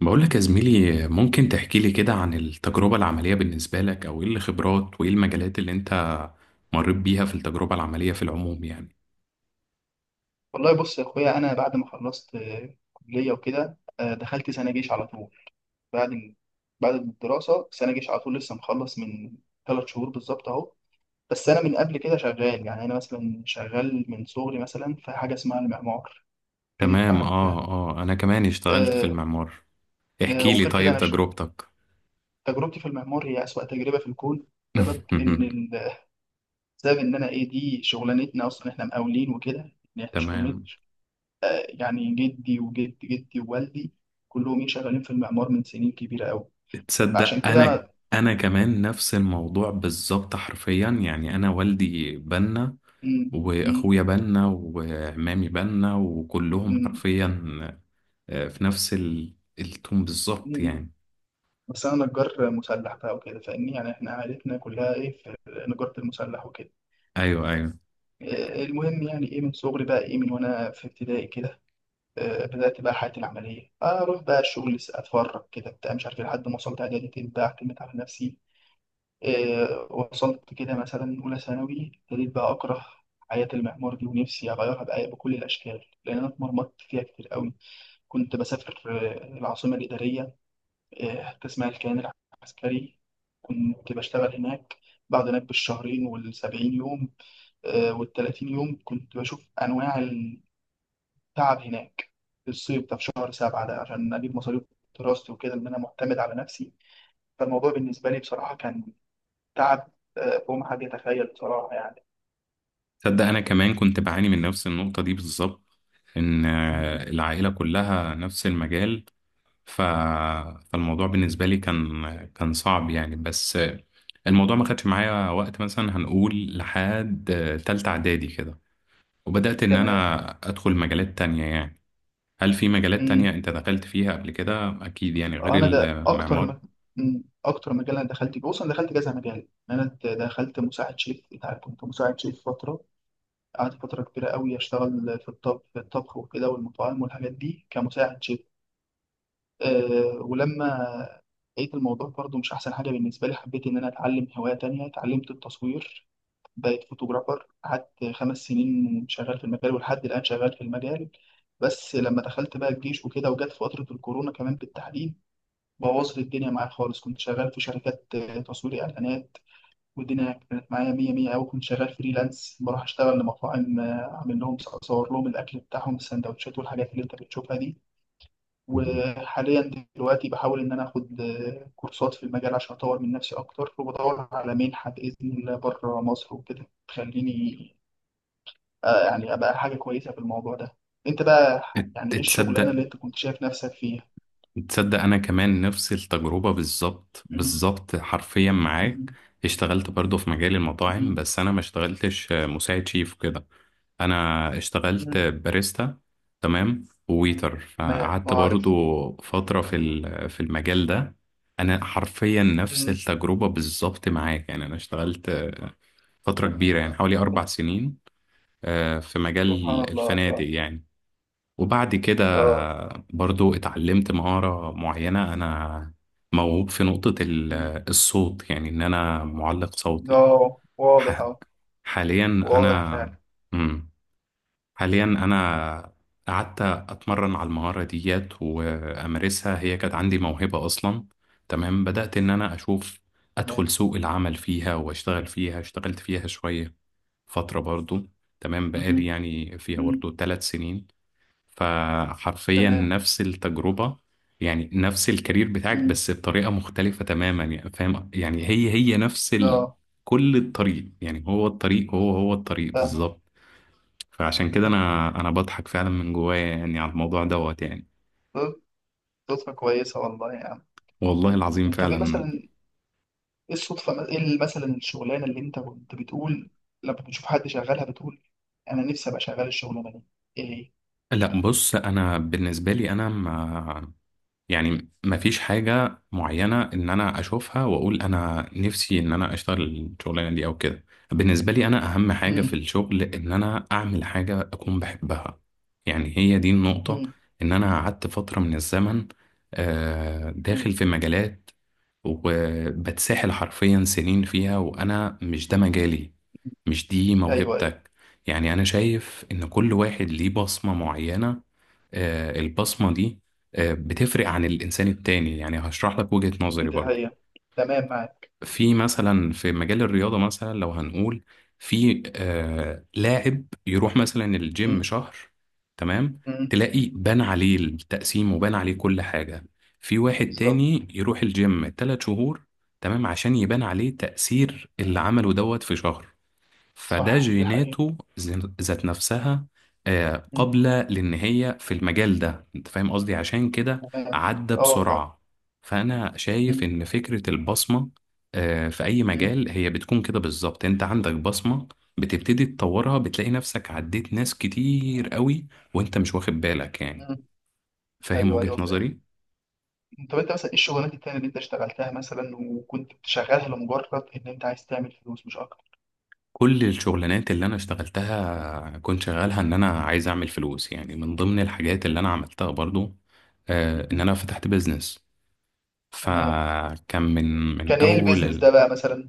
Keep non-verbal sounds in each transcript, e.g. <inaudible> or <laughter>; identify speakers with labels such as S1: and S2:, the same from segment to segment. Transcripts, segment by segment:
S1: بقولك يا زميلي ممكن تحكي لي كده عن التجربة العملية بالنسبة لك أو إيه الخبرات وإيه المجالات اللي أنت مريت بيها في التجربة العملية في العموم يعني.
S2: والله بص يا اخويا، انا بعد ما خلصت كليه وكده دخلت سنه جيش على طول. بعد بعد الدراسه سنه جيش على طول. لسه مخلص من ثلاث شهور بالظبط اهو. بس انا من قبل كده شغال، يعني انا مثلا شغال من صغري، مثلا في حاجه اسمها المعمار كده، انت
S1: تمام
S2: عارف يعني.
S1: أنا كمان اشتغلت في
S2: آه،
S1: المعمار. احكي لي
S2: وغير كده
S1: طيب تجربتك.
S2: تجربتي في المعمار هي اسوأ تجربه في الكون. بسبب ان
S1: <laughs>
S2: ال- بسبب ان انا ايه، دي شغلانتنا اصلا، احنا مقاولين وكده، ان احنا شغلانه.
S1: تمام.
S2: يعني جدي وجد جدي ووالدي كلهم ايه شغالين في المعمار من سنين كبيرة قوي. فعشان
S1: تصدق
S2: كده انا.
S1: أنا كمان نفس الموضوع بالظبط حرفيا يعني. أنا والدي بنا
S2: مم، مم،
S1: وأخويا بنا وعمامي بنا وكلهم
S2: مم،
S1: حرفيا في نفس التوم بالظبط
S2: مم.
S1: يعني.
S2: بس انا نجار مسلح بقى وكده فاهمني، يعني احنا عائلتنا كلها ايه في نجارة المسلح وكده.
S1: ايوه ايوه.
S2: المهم، يعني ايه، من صغري بقى، ايه من وانا في ابتدائي كده، بدأت بقى حياتي العملية، اروح بقى الشغل اتفرج كده بتاع مش عارف إيه، لحد ما وصلت اعدادي بقى اعتمد على نفسي. وصلت كده مثلا أولى ثانوي، ابتديت بقى أكره حياة المعمار دي، ونفسي أغيرها بأي بكل الأشكال، لأن أنا اتمرمطت فيها كتير قوي. كنت بسافر العاصمة الإدارية، تسمع الكيان العسكري، كنت بشتغل هناك. بعد هناك بالشهرين والسبعين يوم والتلاتين يوم كنت بشوف أنواع التعب هناك، في الصيف ده، في شهر سبعة ده، عشان أجيب مصاريف دراستي وكده، إن أنا معتمد على نفسي. فالموضوع بالنسبة لي بصراحة كان تعب فوق ما حد يتخيل بصراحة يعني.
S1: تصدق انا كمان كنت بعاني من نفس النقطه دي بالظبط ان
S2: مم.
S1: العائله كلها نفس المجال. ف... فالموضوع بالنسبه لي كان صعب يعني بس الموضوع ما خدش معايا وقت مثلا هنقول لحد تالتة اعدادي كده وبدات ان
S2: تمام.
S1: انا ادخل مجالات تانية يعني. هل في مجالات
S2: مم.
S1: تانية انت دخلت فيها قبل كده اكيد يعني غير
S2: أنا ده أكتر
S1: المعمار؟
S2: م... مم. أكتر مجال أنا دخلت فيه، بص أنا دخلت كذا مجال، دخلت مساعد شيف، أنت عارف، كنت مساعد شيف فترة. قعدت فترة كبيرة قوي أشتغل في الطب، في الطبخ وكده والمطاعم والحاجات دي كمساعد شيف. ولما لقيت الموضوع برضه مش أحسن حاجة بالنسبة لي، حبيت إن أنا أتعلم هواية تانية، اتعلمت التصوير. بقيت فوتوغرافر، قعدت خمس سنين شغال في المجال، ولحد الآن شغال في المجال. بس لما دخلت بقى الجيش وكده، وجت فترة الكورونا كمان بالتحديد، بوظت الدنيا معايا خالص. كنت شغال في شركات تصوير إعلانات، والدنيا كانت معايا مية مية أوي. كنت شغال فريلانس، بروح أشتغل لمطاعم، أعمل لهم، أصور لهم الأكل بتاعهم، السندوتشات والحاجات اللي أنت بتشوفها دي. وحاليا دلوقتي بحاول إن أنا آخد كورسات في المجال عشان أطور من نفسي أكتر، وبدور على منحة بإذن الله بره مصر وكده تخليني يعني ابقى حاجه كويسه في الموضوع ده. انت بقى،
S1: ات-
S2: يعني ايه الشغلانه
S1: تصدق
S2: اللي انت كنت شايف نفسك فيها؟
S1: تصدق انا كمان نفس التجربة بالظبط
S2: مم.
S1: بالظبط حرفيا معاك.
S2: مم.
S1: اشتغلت برضو في مجال المطاعم
S2: مم.
S1: بس انا ما اشتغلتش مساعد شيف كده. انا اشتغلت
S2: مم.
S1: باريستا تمام وويتر
S2: ما
S1: فقعدت
S2: اعرف.
S1: برضو فترة في في المجال ده. انا حرفيا نفس
S2: مم.
S1: التجربة بالظبط معاك يعني. انا اشتغلت فترة كبيرة يعني حوالي اربع سنين في مجال
S2: سبحان الله
S1: الفنادق
S2: الله.
S1: يعني. وبعد كده
S2: اه.
S1: برضو اتعلمت مهارة معينة. أنا موهوب في نقطة
S2: مم.
S1: الصوت يعني إن أنا معلق
S2: ده
S1: صوتي.
S2: واضح
S1: ح-
S2: اه.
S1: حاليا
S2: واضح
S1: أنا.
S2: فعلا.
S1: مم. حاليا أنا قعدت أتمرن على المهارة ديت وأمارسها. هي كانت عندي موهبة أصلا تمام. بدأت إن أنا أشوف
S2: تمام.
S1: أدخل سوق العمل فيها وأشتغل فيها. اشتغلت فيها شوية فترة برضو تمام. بقالي
S2: مم.
S1: يعني فيها
S2: مم.
S1: برضو ثلاث سنين. فحرفيا
S2: تمام.
S1: نفس التجربة يعني نفس الكارير بتاعك
S2: مم.
S1: بس بطريقة مختلفة تماما يعني فاهم يعني هي هي نفس
S2: اه،
S1: كل الطريق يعني. هو الطريق هو هو الطريق
S2: فاهمك.
S1: بالظبط. فعشان كده انا بضحك فعلا من جوايا يعني على الموضوع دوت يعني.
S2: صد- صدفه كويسه والله يعني.
S1: والله العظيم
S2: طب ايه
S1: فعلا.
S2: مثلا، ايه الصدفه، ايه مثلا الشغلانه اللي انت كنت بتقول لما بتشوف حد شغالها بتقول انا نفسي ابقى شغال الشغلانه دي، ايه هي؟
S1: لا بص انا بالنسبة لي انا يعني مفيش حاجة معينة إن أنا أشوفها وأقول أنا نفسي إن أنا أشتغل الشغلانة دي أو كده. بالنسبة لي أنا أهم حاجة في
S2: مم.
S1: الشغل إن أنا أعمل حاجة أكون بحبها. يعني هي دي النقطة.
S2: مم.
S1: إن أنا قعدت فترة من الزمن
S2: مم.
S1: داخل في مجالات وبتسحل حرفيا سنين فيها وأنا مش ده مجالي مش دي
S2: ايوه ايوه،
S1: موهبتك. يعني أنا شايف إن كل واحد ليه بصمة معينة. البصمة دي بتفرق عن الإنسان التاني يعني. هشرح لك وجهة نظري
S2: دي
S1: برضو.
S2: حقيقة، تمام معاك.
S1: في مثلا في مجال الرياضة مثلا لو هنقول في لاعب يروح مثلا الجيم
S2: مم.
S1: شهر تمام.
S2: مم.
S1: تلاقي بان عليه التقسيم وبان عليه كل حاجة. في واحد
S2: بالظبط.
S1: تاني يروح الجيم تلات شهور تمام عشان يبان عليه تأثير اللي عمله دوت في شهر. فده
S2: صح، دي حقيقة.
S1: جيناته ذات نفسها
S2: مم.
S1: قابلة لأن هي في المجال ده. أنت فاهم قصدي عشان كده
S2: تمام.
S1: عدى
S2: اه، فاهم.
S1: بسرعة. فأنا شايف
S2: مم.
S1: إن فكرة البصمة في أي
S2: مم.
S1: مجال هي بتكون كده بالظبط. أنت عندك بصمة بتبتدي تطورها بتلاقي نفسك عديت ناس كتير قوي وأنت مش واخد بالك يعني.
S2: مم.
S1: فاهم
S2: ايوه
S1: وجهة
S2: ايوه فاهم.
S1: نظري؟
S2: طب انت مثلا ايه الشغلانات التانية اللي انت اشتغلتها مثلا، وكنت بتشغلها لمجرد ان انت عايز تعمل فلوس مش اكتر؟
S1: كل الشغلانات اللي انا اشتغلتها كنت شغالها ان انا عايز اعمل فلوس. يعني من ضمن الحاجات اللي انا عملتها برضو ان
S2: مم.
S1: انا فتحت بيزنس.
S2: تمام.
S1: فكان من
S2: كان
S1: من
S2: ايه
S1: اول
S2: البيزنس ده بقى مثلا؟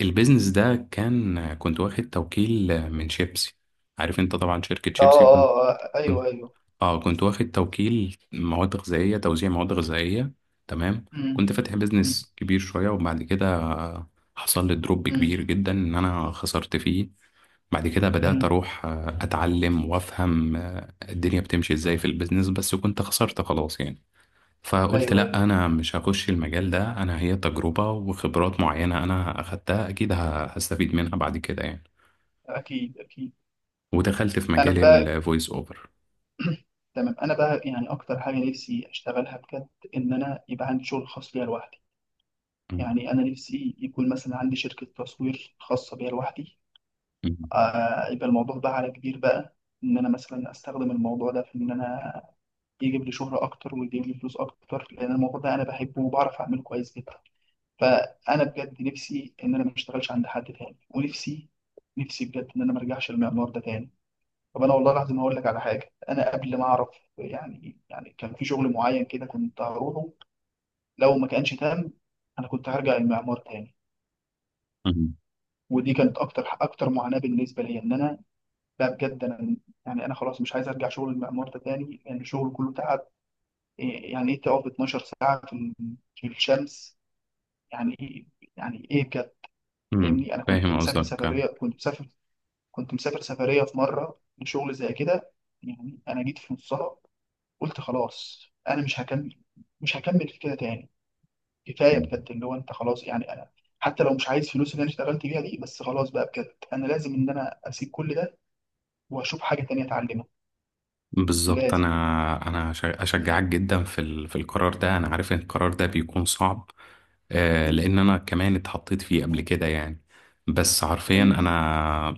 S1: البيزنس ده كان كنت واخد توكيل من شيبسي. عارف انت طبعا شركة
S2: اه
S1: شيبسي
S2: اه، ايوه
S1: كنت
S2: ايوه.
S1: اه كنت واخد توكيل مواد غذائية توزيع مواد غذائية تمام. كنت
S2: مم.
S1: فاتح
S2: مم.
S1: بيزنس كبير شوية وبعد كده حصل لي دروب
S2: مم.
S1: كبير جدا ان انا خسرت فيه. بعد كده بدأت
S2: مم.
S1: أروح أتعلم وأفهم الدنيا بتمشي إزاي في البيزنس بس كنت خسرت خلاص يعني. فقلت
S2: ايوه ايوه،
S1: لأ أنا مش هخش المجال ده. أنا هي تجربة وخبرات معينة أنا أخدتها أكيد هستفيد منها بعد كده يعني.
S2: اكيد اكيد.
S1: ودخلت في
S2: انا
S1: مجال
S2: بقى
S1: الفويس أوفر.
S2: <clears throat> تمام. انا بقى يعني، اكتر حاجه نفسي اشتغلها بجد، ان انا يبقى عندي شغل خاص ليا لوحدي.
S1: مم.
S2: يعني انا نفسي يكون مثلا عندي شركه تصوير خاصه بيا لوحدي. يبقى الموضوع بقى على كبير بقى، ان انا مثلا استخدم الموضوع ده في ان انا يجيب لي شهره اكتر ويجيب لي فلوس اكتر، لان الموضوع ده انا بحبه وبعرف اعمله كويس جدا. فانا بجد نفسي ان انا ما اشتغلش عند حد تاني، ونفسي بجد، ان انا ما ارجعش للمعمار ده تاني. طب انا والله العظيم هقول لك على حاجه، انا قبل ما اعرف يعني كان في شغل معين كده كنت هروحه، لو ما كانش تام انا كنت هرجع المعمار تاني.
S1: مم.
S2: ودي كانت اكتر اكتر معاناه بالنسبه لي، ان انا، لا بجد انا يعني، انا خلاص مش عايز ارجع شغل المعمار ده تاني، لان يعني الشغل كله تعب. إيه يعني ايه تقف 12 ساعه في في الشمس؟ يعني ايه، يعني ايه بجد.
S1: مم.
S2: فاهمني، انا كنت
S1: فاهم
S2: مسافر
S1: قصدك
S2: سفريه، كنت مسافر سفريه في مره لشغل زي كده، يعني انا جيت في نصها قلت خلاص انا مش هكمل، مش هكمل في كده تاني، كفايه بجد اللي هو، انت خلاص يعني انا، حتى لو مش عايز فلوس اللي انا اشتغلت بيها دي، بس خلاص بقى بجد انا لازم ان انا اسيب كل ده، واشوف حاجه تانية اتعلمها.
S1: بالظبط.
S2: لازم.
S1: انا اشجعك جدا في في القرار ده. انا عارف ان القرار ده بيكون صعب
S2: امم،
S1: لان انا كمان اتحطيت فيه قبل كده يعني. بس حرفيا
S2: ايوه.
S1: انا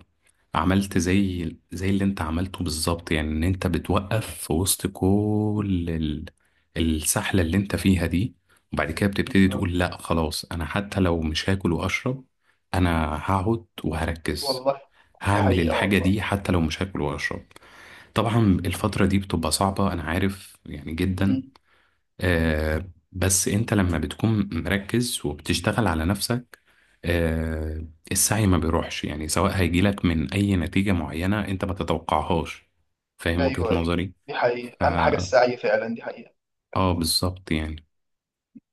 S1: عملت زي اللي انت عملته بالظبط يعني ان انت بتوقف في وسط
S2: مم.
S1: كل السحلة اللي انت فيها دي. وبعد كده بتبتدي
S2: بالظبط
S1: تقول لا خلاص انا حتى لو مش هاكل واشرب انا هقعد وهركز
S2: والله. دي
S1: هعمل
S2: حقيقه
S1: الحاجة
S2: والله.
S1: دي حتى لو مش هاكل واشرب. طبعا الفترة دي بتبقى صعبة أنا عارف يعني جدا.
S2: امم أمم.
S1: بس أنت لما بتكون مركز وبتشتغل على نفسك السعي ما بيروحش يعني. سواء هيجيلك من أي نتيجة معينة أنت ما تتوقعهاش. فاهم وجهة
S2: ايوه ايوه،
S1: نظري؟
S2: دي
S1: ف-
S2: حقيقه، اهم حاجه السعي فعلا، دي حقيقه.
S1: اه بالظبط يعني.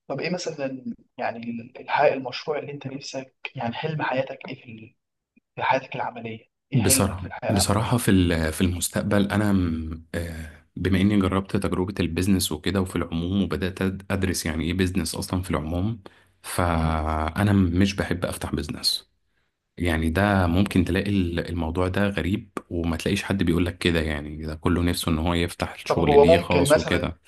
S2: طب ايه مثلا يعني الحقيقة، المشروع اللي انت نفسك، يعني حلم حياتك ايه في في حياتك العمليه؟ ايه حلمك في
S1: بصراحة
S2: الحياه العمليه؟
S1: بصراحة في في المستقبل أنا بما إني جربت تجربة البيزنس وكده وفي العموم وبدأت أدرس يعني إيه بيزنس أصلا في العموم. فأنا مش بحب أفتح بيزنس. يعني ده ممكن
S2: امم
S1: تلاقي الموضوع ده غريب وما تلاقيش حد بيقولك كده يعني ده كله نفسه إن هو يفتح
S2: طب
S1: الشغل
S2: هو
S1: ليه
S2: ممكن
S1: خاص
S2: مثلا،
S1: وكده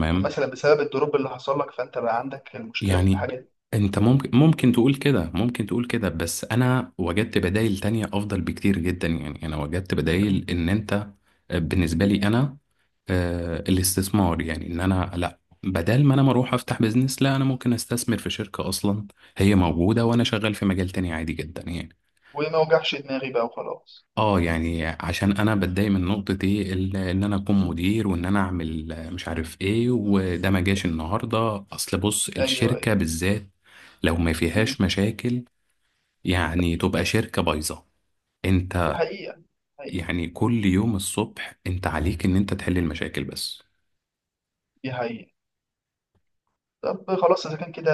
S2: ممكن مثلا بسبب الدروب اللي حصل لك، فانت بقى عندك المشكله في
S1: يعني
S2: الحاجه دي؟
S1: انت ممكن تقول كده ممكن تقول كده بس انا وجدت بدائل تانية افضل بكتير جدا يعني انا وجدت
S2: مم.
S1: بدائل ان انت بالنسبة
S2: مم.
S1: لي انا الاستثمار يعني ان انا لا بدل ما انا ما اروح افتح بيزنس لا انا ممكن استثمر في شركة اصلا هي موجودة وانا
S2: مم.
S1: شغال في مجال تاني عادي جدا يعني.
S2: وما وجعش دماغي بقى وخلاص.
S1: اه يعني عشان انا بتضايق من نقطة ايه ان انا اكون
S2: مم.
S1: مدير وان انا اعمل مش عارف ايه وده ما جاش النهاردة اصل بص
S2: ايوه
S1: الشركة
S2: ايوه.
S1: بالذات لو ما
S2: مم.
S1: فيهاش مشاكل يعني تبقى شركة بايظة.
S2: دي
S1: انت
S2: حقيقه، حقيقه.
S1: يعني كل يوم الصبح انت عليك ان انت تحل المشاكل بس.
S2: دي حقيقه. طب خلاص اذا كان كده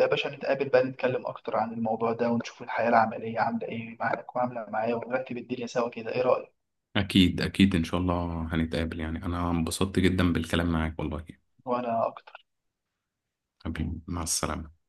S2: يا باشا، نتقابل بقى نتكلم اكتر عن الموضوع ده، ونشوف الحياه العمليه عامله ايه معاك وعامله معايا، ونرتب الدنيا سوا كده، ايه رايك؟
S1: اكيد اكيد ان شاء الله هنتقابل يعني انا انبسطت جدا بالكلام معاك والله.
S2: وانا اكتر.
S1: حبيبي مع السلامة.